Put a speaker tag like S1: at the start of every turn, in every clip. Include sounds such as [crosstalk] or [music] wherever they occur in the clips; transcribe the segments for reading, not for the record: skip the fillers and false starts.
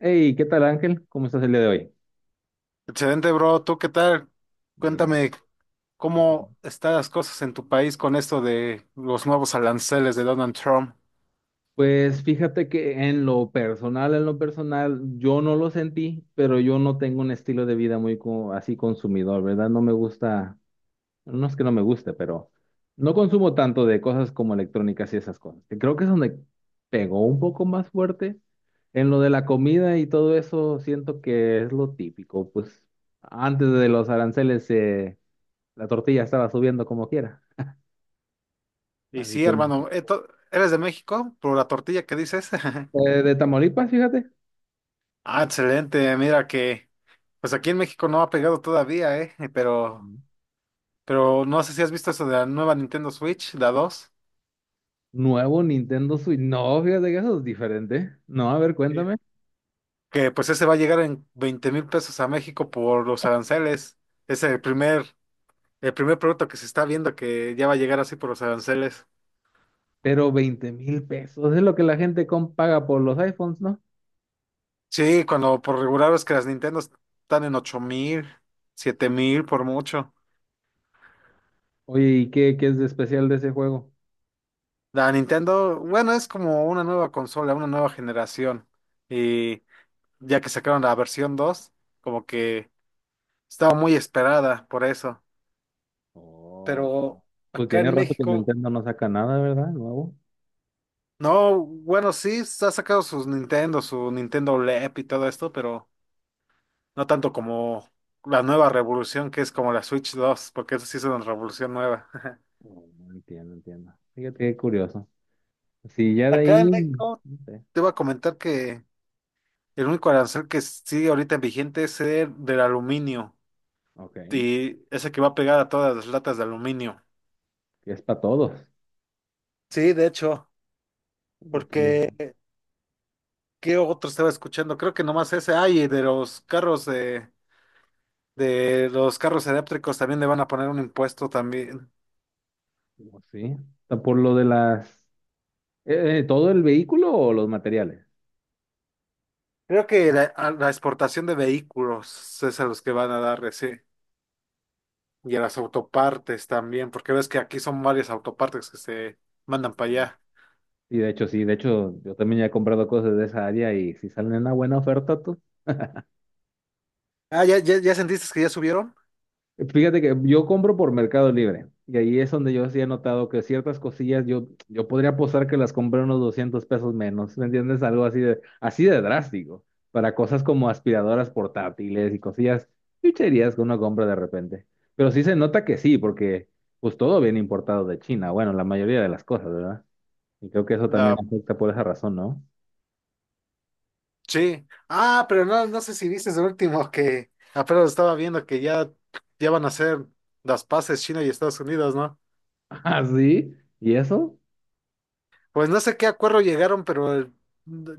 S1: Hey, ¿qué tal Ángel? ¿Cómo estás el día de hoy?
S2: Excelente, bro. ¿Tú qué tal?
S1: Eh, no-
S2: Cuéntame
S1: no-
S2: cómo están las cosas en tu país con esto de los nuevos aranceles de Donald Trump.
S1: Pues fíjate que en lo personal, yo no lo sentí, pero yo no tengo un estilo de vida muy así consumidor, ¿verdad? No me gusta, no es que no me guste, pero no consumo tanto de cosas como electrónicas y esas cosas, que creo que es donde pegó un poco más fuerte. En lo de la comida y todo eso, siento que es lo típico. Pues antes de los aranceles, la tortilla estaba subiendo como quiera.
S2: Y
S1: Así
S2: sí,
S1: que...
S2: hermano, ¿eres de México? Por la tortilla que dices. [laughs]
S1: De Tamaulipas, fíjate.
S2: Ah, excelente. Mira que, pues aquí en México no ha pegado todavía, ¿eh? Pero,
S1: Mm.
S2: pero no sé si has visto eso de la nueva Nintendo Switch, la dos.
S1: Nuevo Nintendo Switch. No, fíjate que eso es diferente. No, a ver,
S2: Sí.
S1: cuéntame.
S2: Que pues ese va a llegar en 20,000 pesos a México por los aranceles. Es el primer producto que se está viendo que ya va a llegar así por los aranceles.
S1: Pero 20,000 pesos es lo que la gente paga por los iPhones, ¿no?
S2: Sí, cuando por regular ves que las Nintendo están en 8,000, 7,000 por mucho.
S1: Oye, ¿y qué es de especial de ese juego?
S2: La Nintendo, bueno, es como una nueva consola, una nueva generación. Y ya que sacaron la versión 2, como que estaba muy esperada por eso.
S1: Oh, ok.
S2: Pero
S1: Pues
S2: acá
S1: tiene
S2: en
S1: rato que
S2: México,
S1: Nintendo no saca nada, ¿verdad? Nuevo.
S2: no, bueno, sí, se ha sacado sus Nintendo, su Nintendo LEP y todo esto, pero no tanto como la nueva revolución que es como la Switch dos, porque eso sí es una revolución nueva. [laughs]
S1: Oh, no. Entiendo, entiendo. Fíjate qué curioso. Sí, ya de ahí,
S2: Acá en
S1: no
S2: México.
S1: sé,
S2: Te iba a comentar que el único arancel que sigue ahorita en vigente es el del aluminio
S1: ok.
S2: y ese que va a pegar a todas las latas de aluminio.
S1: Que es para todos.
S2: Sí, de hecho,
S1: Pues todo.
S2: porque ¿qué otro estaba escuchando? Creo que nomás ese. Ay, y de los carros eléctricos también le van a poner un impuesto también.
S1: Como sí. Está por lo de las... ¿todo el vehículo o los materiales?
S2: Creo que a la exportación de vehículos es a los que van a dar, sí. Y a las autopartes también, porque ves que aquí son varias autopartes que se mandan para allá.
S1: Y de hecho, sí, de hecho, yo también ya he comprado cosas de esa área y si salen en una buena oferta, tú.
S2: Ah, ¿ya sentiste que ya subieron?
S1: Fíjate que yo compro por Mercado Libre y ahí es donde yo sí he notado que ciertas cosillas, yo podría apostar que las compré unos 200 pesos menos, ¿me entiendes? Algo así de drástico, para cosas como aspiradoras portátiles y cosillas, chucherías que uno compra de repente. Pero sí se nota que sí, porque pues todo viene importado de China, bueno, la mayoría de las cosas, ¿verdad? Y creo que eso también
S2: La,
S1: afecta por esa razón, ¿no? [laughs]
S2: sí. Ah, pero no sé si viste el último que apenas estaba viendo que ya van a hacer las paces China y Estados Unidos, ¿no?
S1: Ah, sí, ¿y eso?
S2: Pues no sé qué acuerdo llegaron, pero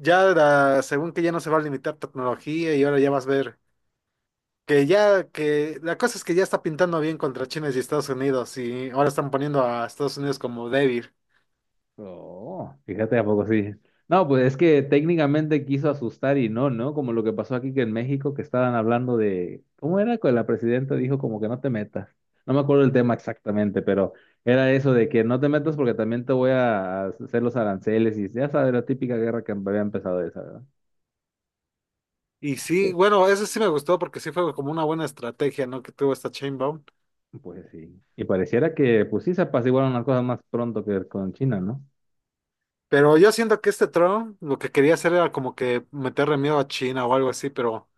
S2: según que ya no se va a limitar tecnología y ahora ya vas a ver que ya que la cosa es que ya está pintando bien contra China y Estados Unidos y ahora están poniendo a Estados Unidos como débil.
S1: Oh, fíjate, ¿a poco sí? No, pues es que técnicamente quiso asustar y no, ¿no? Como lo que pasó aquí que en México, que estaban hablando de, ¿cómo era? Que la presidenta dijo como que no te metas. No me acuerdo el tema exactamente, pero era eso de que no te metas porque también te voy a hacer los aranceles y ya sabes, la típica guerra que había empezado esa, ¿verdad?
S2: Y sí,
S1: Sí.
S2: bueno, eso sí me gustó porque sí fue como una buena estrategia, ¿no? Que tuvo esta Chainbound.
S1: Pues sí. Y pareciera que, pues sí, se apaciguaron las cosas más pronto que con China, ¿no?
S2: Pero yo siento que este Trump lo que quería hacer era como que meterle miedo a China o algo así, pero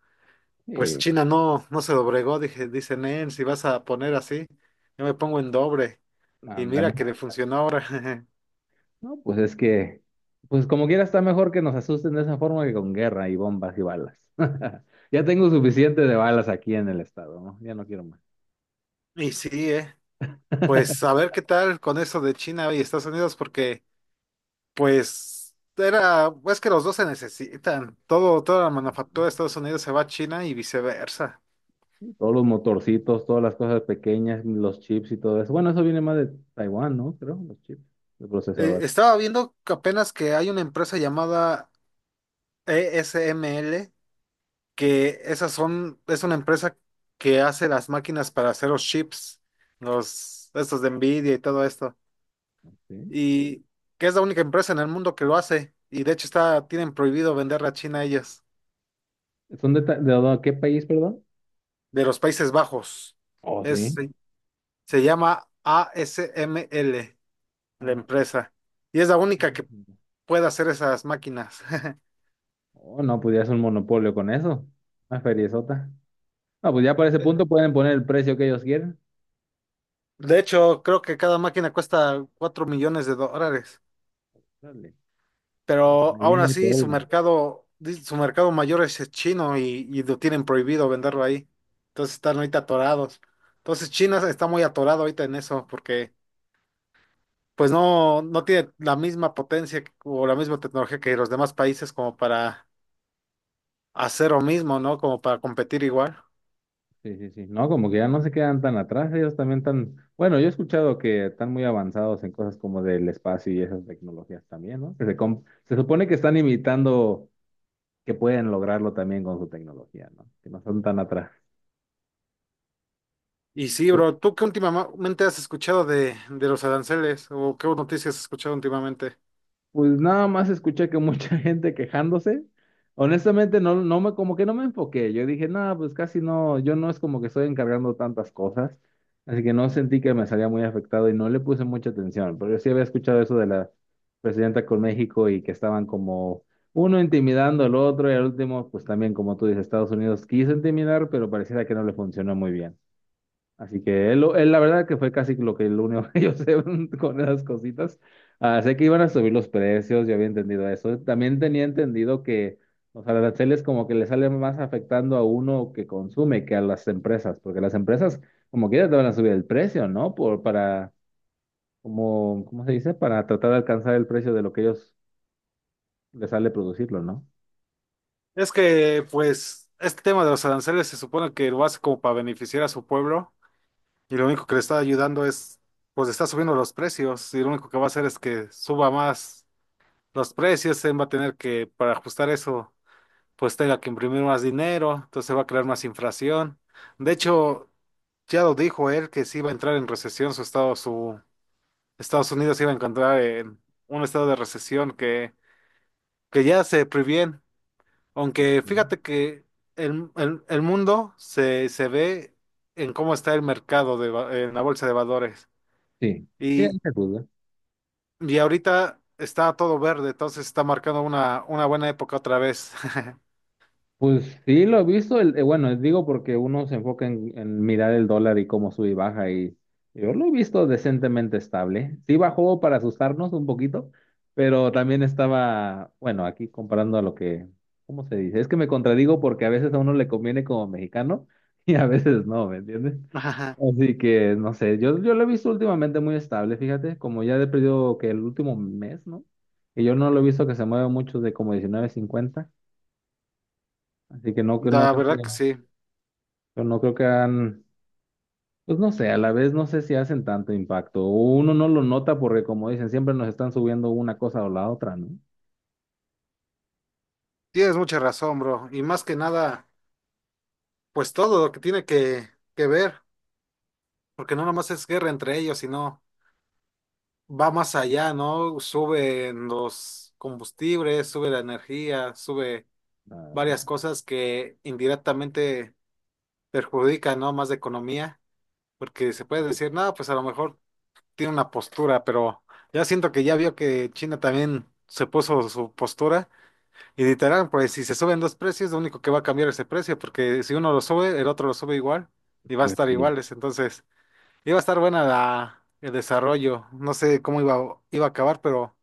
S2: pues
S1: Sí.
S2: China no se doblegó, dice Nen, si vas a poner así, yo me pongo en doble. Y
S1: Ándale.
S2: mira que le funcionó ahora. [laughs]
S1: No, pues es que, pues como quiera está mejor que nos asusten de esa forma que con guerra y bombas y balas. [laughs] Ya tengo suficiente de balas aquí en el estado, ¿no? Ya no quiero más.
S2: Y sí.
S1: [laughs]
S2: Pues a ver qué tal con eso de China y Estados Unidos, porque pues es que los dos se necesitan. Toda la manufactura de Estados Unidos se va a China y viceversa.
S1: Todos los motorcitos, todas las cosas pequeñas, los chips y todo eso. Bueno, eso viene más de Taiwán, ¿no? Creo, los chips, el procesador.
S2: Estaba viendo que apenas que hay una empresa llamada ESML que es una empresa que hace las máquinas para hacer los chips, estos de Nvidia y todo esto,
S1: ¿Sí?
S2: y que es la única empresa en el mundo que lo hace, y de hecho tienen prohibido venderla a China ellas,
S1: ¿Son de qué país, perdón?
S2: de los Países Bajos.
S1: Oh,
S2: Es,
S1: sí.
S2: se se llama ASML, la
S1: Ah,
S2: empresa, y es la única que puede hacer esas máquinas. [laughs]
S1: oh, no, pues ya es un monopolio con eso. Una feriezota. No, pues ya para ese
S2: De
S1: punto pueden poner el precio que ellos quieran.
S2: de hecho, creo que cada máquina cuesta 4 millones de dólares.
S1: Dale. No, pues
S2: Pero
S1: ahí
S2: aún
S1: no hay
S2: así
S1: todo.
S2: su mercado mayor es el chino y lo tienen prohibido venderlo ahí. Entonces están ahorita atorados. Entonces China está muy atorado ahorita en eso porque pues no tiene la misma potencia o la misma tecnología que los demás países como para hacer lo mismo, ¿no? Como para competir igual.
S1: Sí, sí, sí. No, como que ya no se quedan tan atrás, ellos también tan, bueno, yo he escuchado que están muy avanzados en cosas como del espacio y esas tecnologías también, ¿no? Que se supone que están imitando que pueden lograrlo también con su tecnología, ¿no? Que no son tan atrás.
S2: Y sí, bro, ¿tú qué últimamente has escuchado de los aranceles o qué noticias has escuchado últimamente?
S1: Pues nada más escuché que mucha [laughs] gente quejándose. Honestamente, no, como que no me enfoqué. Yo dije, nada, pues casi no, yo no es como que estoy encargando tantas cosas. Así que no sentí que me salía muy afectado y no le puse mucha atención. Pero yo sí había escuchado eso de la presidenta con México y que estaban como uno intimidando al otro y al último, pues también, como tú dices, Estados Unidos quiso intimidar, pero pareciera que no le funcionó muy bien. Así que él, la verdad que fue casi lo único que yo sé [laughs] con esas cositas. Ah, sé que iban a subir los precios, yo había entendido eso. También tenía entendido que los aranceles como que le salen más afectando a uno que consume que a las empresas, porque las empresas como quiera te van a subir el precio, ¿no? Por, para, como, ¿cómo se dice? Para tratar de alcanzar el precio de lo que ellos les sale producirlo, ¿no?
S2: Es que, pues, este tema de los aranceles se supone que lo hace como para beneficiar a su pueblo, y lo único que le está ayudando es, pues está subiendo los precios y lo único que va a hacer es que suba más los precios, él va a tener que, para ajustar eso, pues tenga que imprimir más dinero, entonces va a crear más inflación. De hecho, ya lo dijo él que si iba a entrar en recesión su Estados Unidos se iba a encontrar en un estado de recesión que ya se previene. Aunque
S1: Ok.
S2: fíjate que el mundo se ve en cómo está el mercado en la bolsa de valores.
S1: Sí, sí, ahí
S2: Y,
S1: se juzga.
S2: Y ahorita está todo verde, entonces está marcando una buena época otra vez.
S1: Pues sí, lo he visto. El, bueno, digo porque uno se enfoca en mirar el dólar y cómo sube y baja y yo lo he visto decentemente estable. Sí bajó para asustarnos un poquito, pero también estaba, bueno, aquí comparando a lo que, ¿cómo se dice? Es que me contradigo porque a veces a uno le conviene como mexicano [laughs] y a veces no, ¿me entiendes?
S2: [laughs] Ajá,
S1: Así que no sé, yo lo he visto últimamente muy estable, fíjate, como ya he perdido que el último mes, ¿no? Y yo no lo he visto que se mueva mucho de como 19.50. Así que no, no,
S2: la
S1: creo
S2: verdad que
S1: que.
S2: sí.
S1: Pero no creo que hagan, pues no sé, a la vez no sé si hacen tanto impacto. Uno no lo nota porque como dicen, siempre nos están subiendo una cosa o la otra, ¿no?
S2: Tienes mucha razón, bro. Y más que nada, pues todo lo que tiene que ver, porque no nomás es guerra entre ellos, sino va más allá, ¿no? Suben los combustibles, sube la energía, sube
S1: Claro,
S2: varias cosas que indirectamente perjudican, ¿no? Más de economía, porque se puede decir, no, pues a lo mejor tiene una postura, pero ya siento que ya vio que China también se puso su postura y literal, pues si se suben dos precios, lo único que va a cambiar es el precio, porque si uno lo sube, el otro lo sube igual y va a
S1: pues
S2: estar
S1: sí.
S2: iguales, entonces iba a estar buena el desarrollo, no sé cómo iba a acabar, pero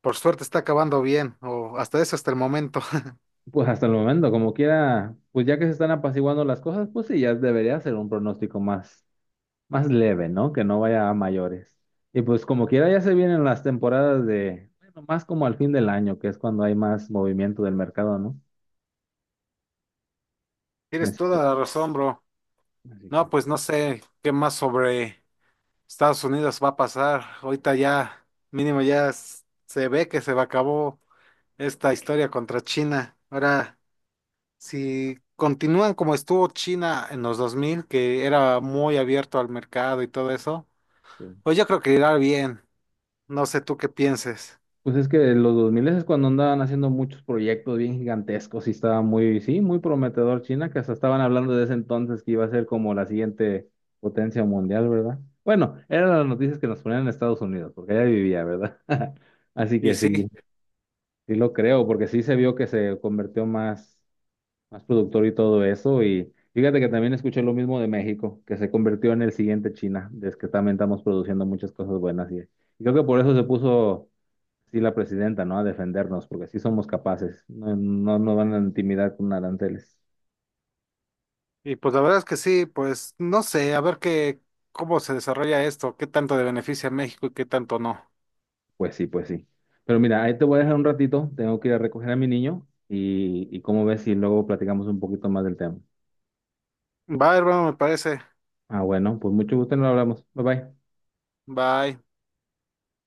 S2: por suerte está acabando bien, o hasta eso, hasta el momento. [laughs]
S1: Pues hasta el momento, como quiera, pues ya que se están apaciguando las cosas, pues sí, ya debería ser un pronóstico más, más leve, ¿no? Que no vaya a mayores. Y pues como quiera, ya se vienen las temporadas de, bueno, más como al fin del año, que es cuando hay más movimiento del mercado, ¿no?
S2: Tienes
S1: Así que,
S2: toda la razón, bro.
S1: así
S2: No,
S1: que.
S2: pues no sé qué más sobre Estados Unidos va a pasar. Ahorita ya, mínimo ya se ve que se va acabó esta historia contra China. Ahora, si continúan como estuvo China en los 2000 que era muy abierto al mercado y todo eso,
S1: Sí.
S2: pues yo creo que irá bien. No sé tú qué pienses.
S1: Pues es que los 2000 es cuando andaban haciendo muchos proyectos bien gigantescos y estaba muy, sí, muy prometedor China, que hasta estaban hablando de ese entonces que iba a ser como la siguiente potencia mundial, ¿verdad? Bueno, eran las noticias que nos ponían en Estados Unidos, porque allá vivía, ¿verdad? [laughs] Así
S2: Y
S1: que sí,
S2: sí,
S1: sí lo creo, porque sí se vio que se convirtió más productor y todo eso. Y fíjate que también escuché lo mismo de México, que se convirtió en el siguiente China, desde que también estamos produciendo muchas cosas buenas. Y creo que por eso se puso, sí, la presidenta, ¿no? A defendernos, porque sí somos capaces. No, no nos van a intimidar con aranceles.
S2: y pues la verdad es que sí, pues no sé, a ver cómo se desarrolla esto, qué tanto le beneficia a México y qué tanto no.
S1: Pues sí, pues sí. Pero mira, ahí te voy a dejar un ratito, tengo que ir a recoger a mi niño y cómo ves si luego platicamos un poquito más del tema.
S2: Bye, hermano, me parece.
S1: Ah, bueno, pues mucho gusto nos hablamos. Bye bye.
S2: Bye.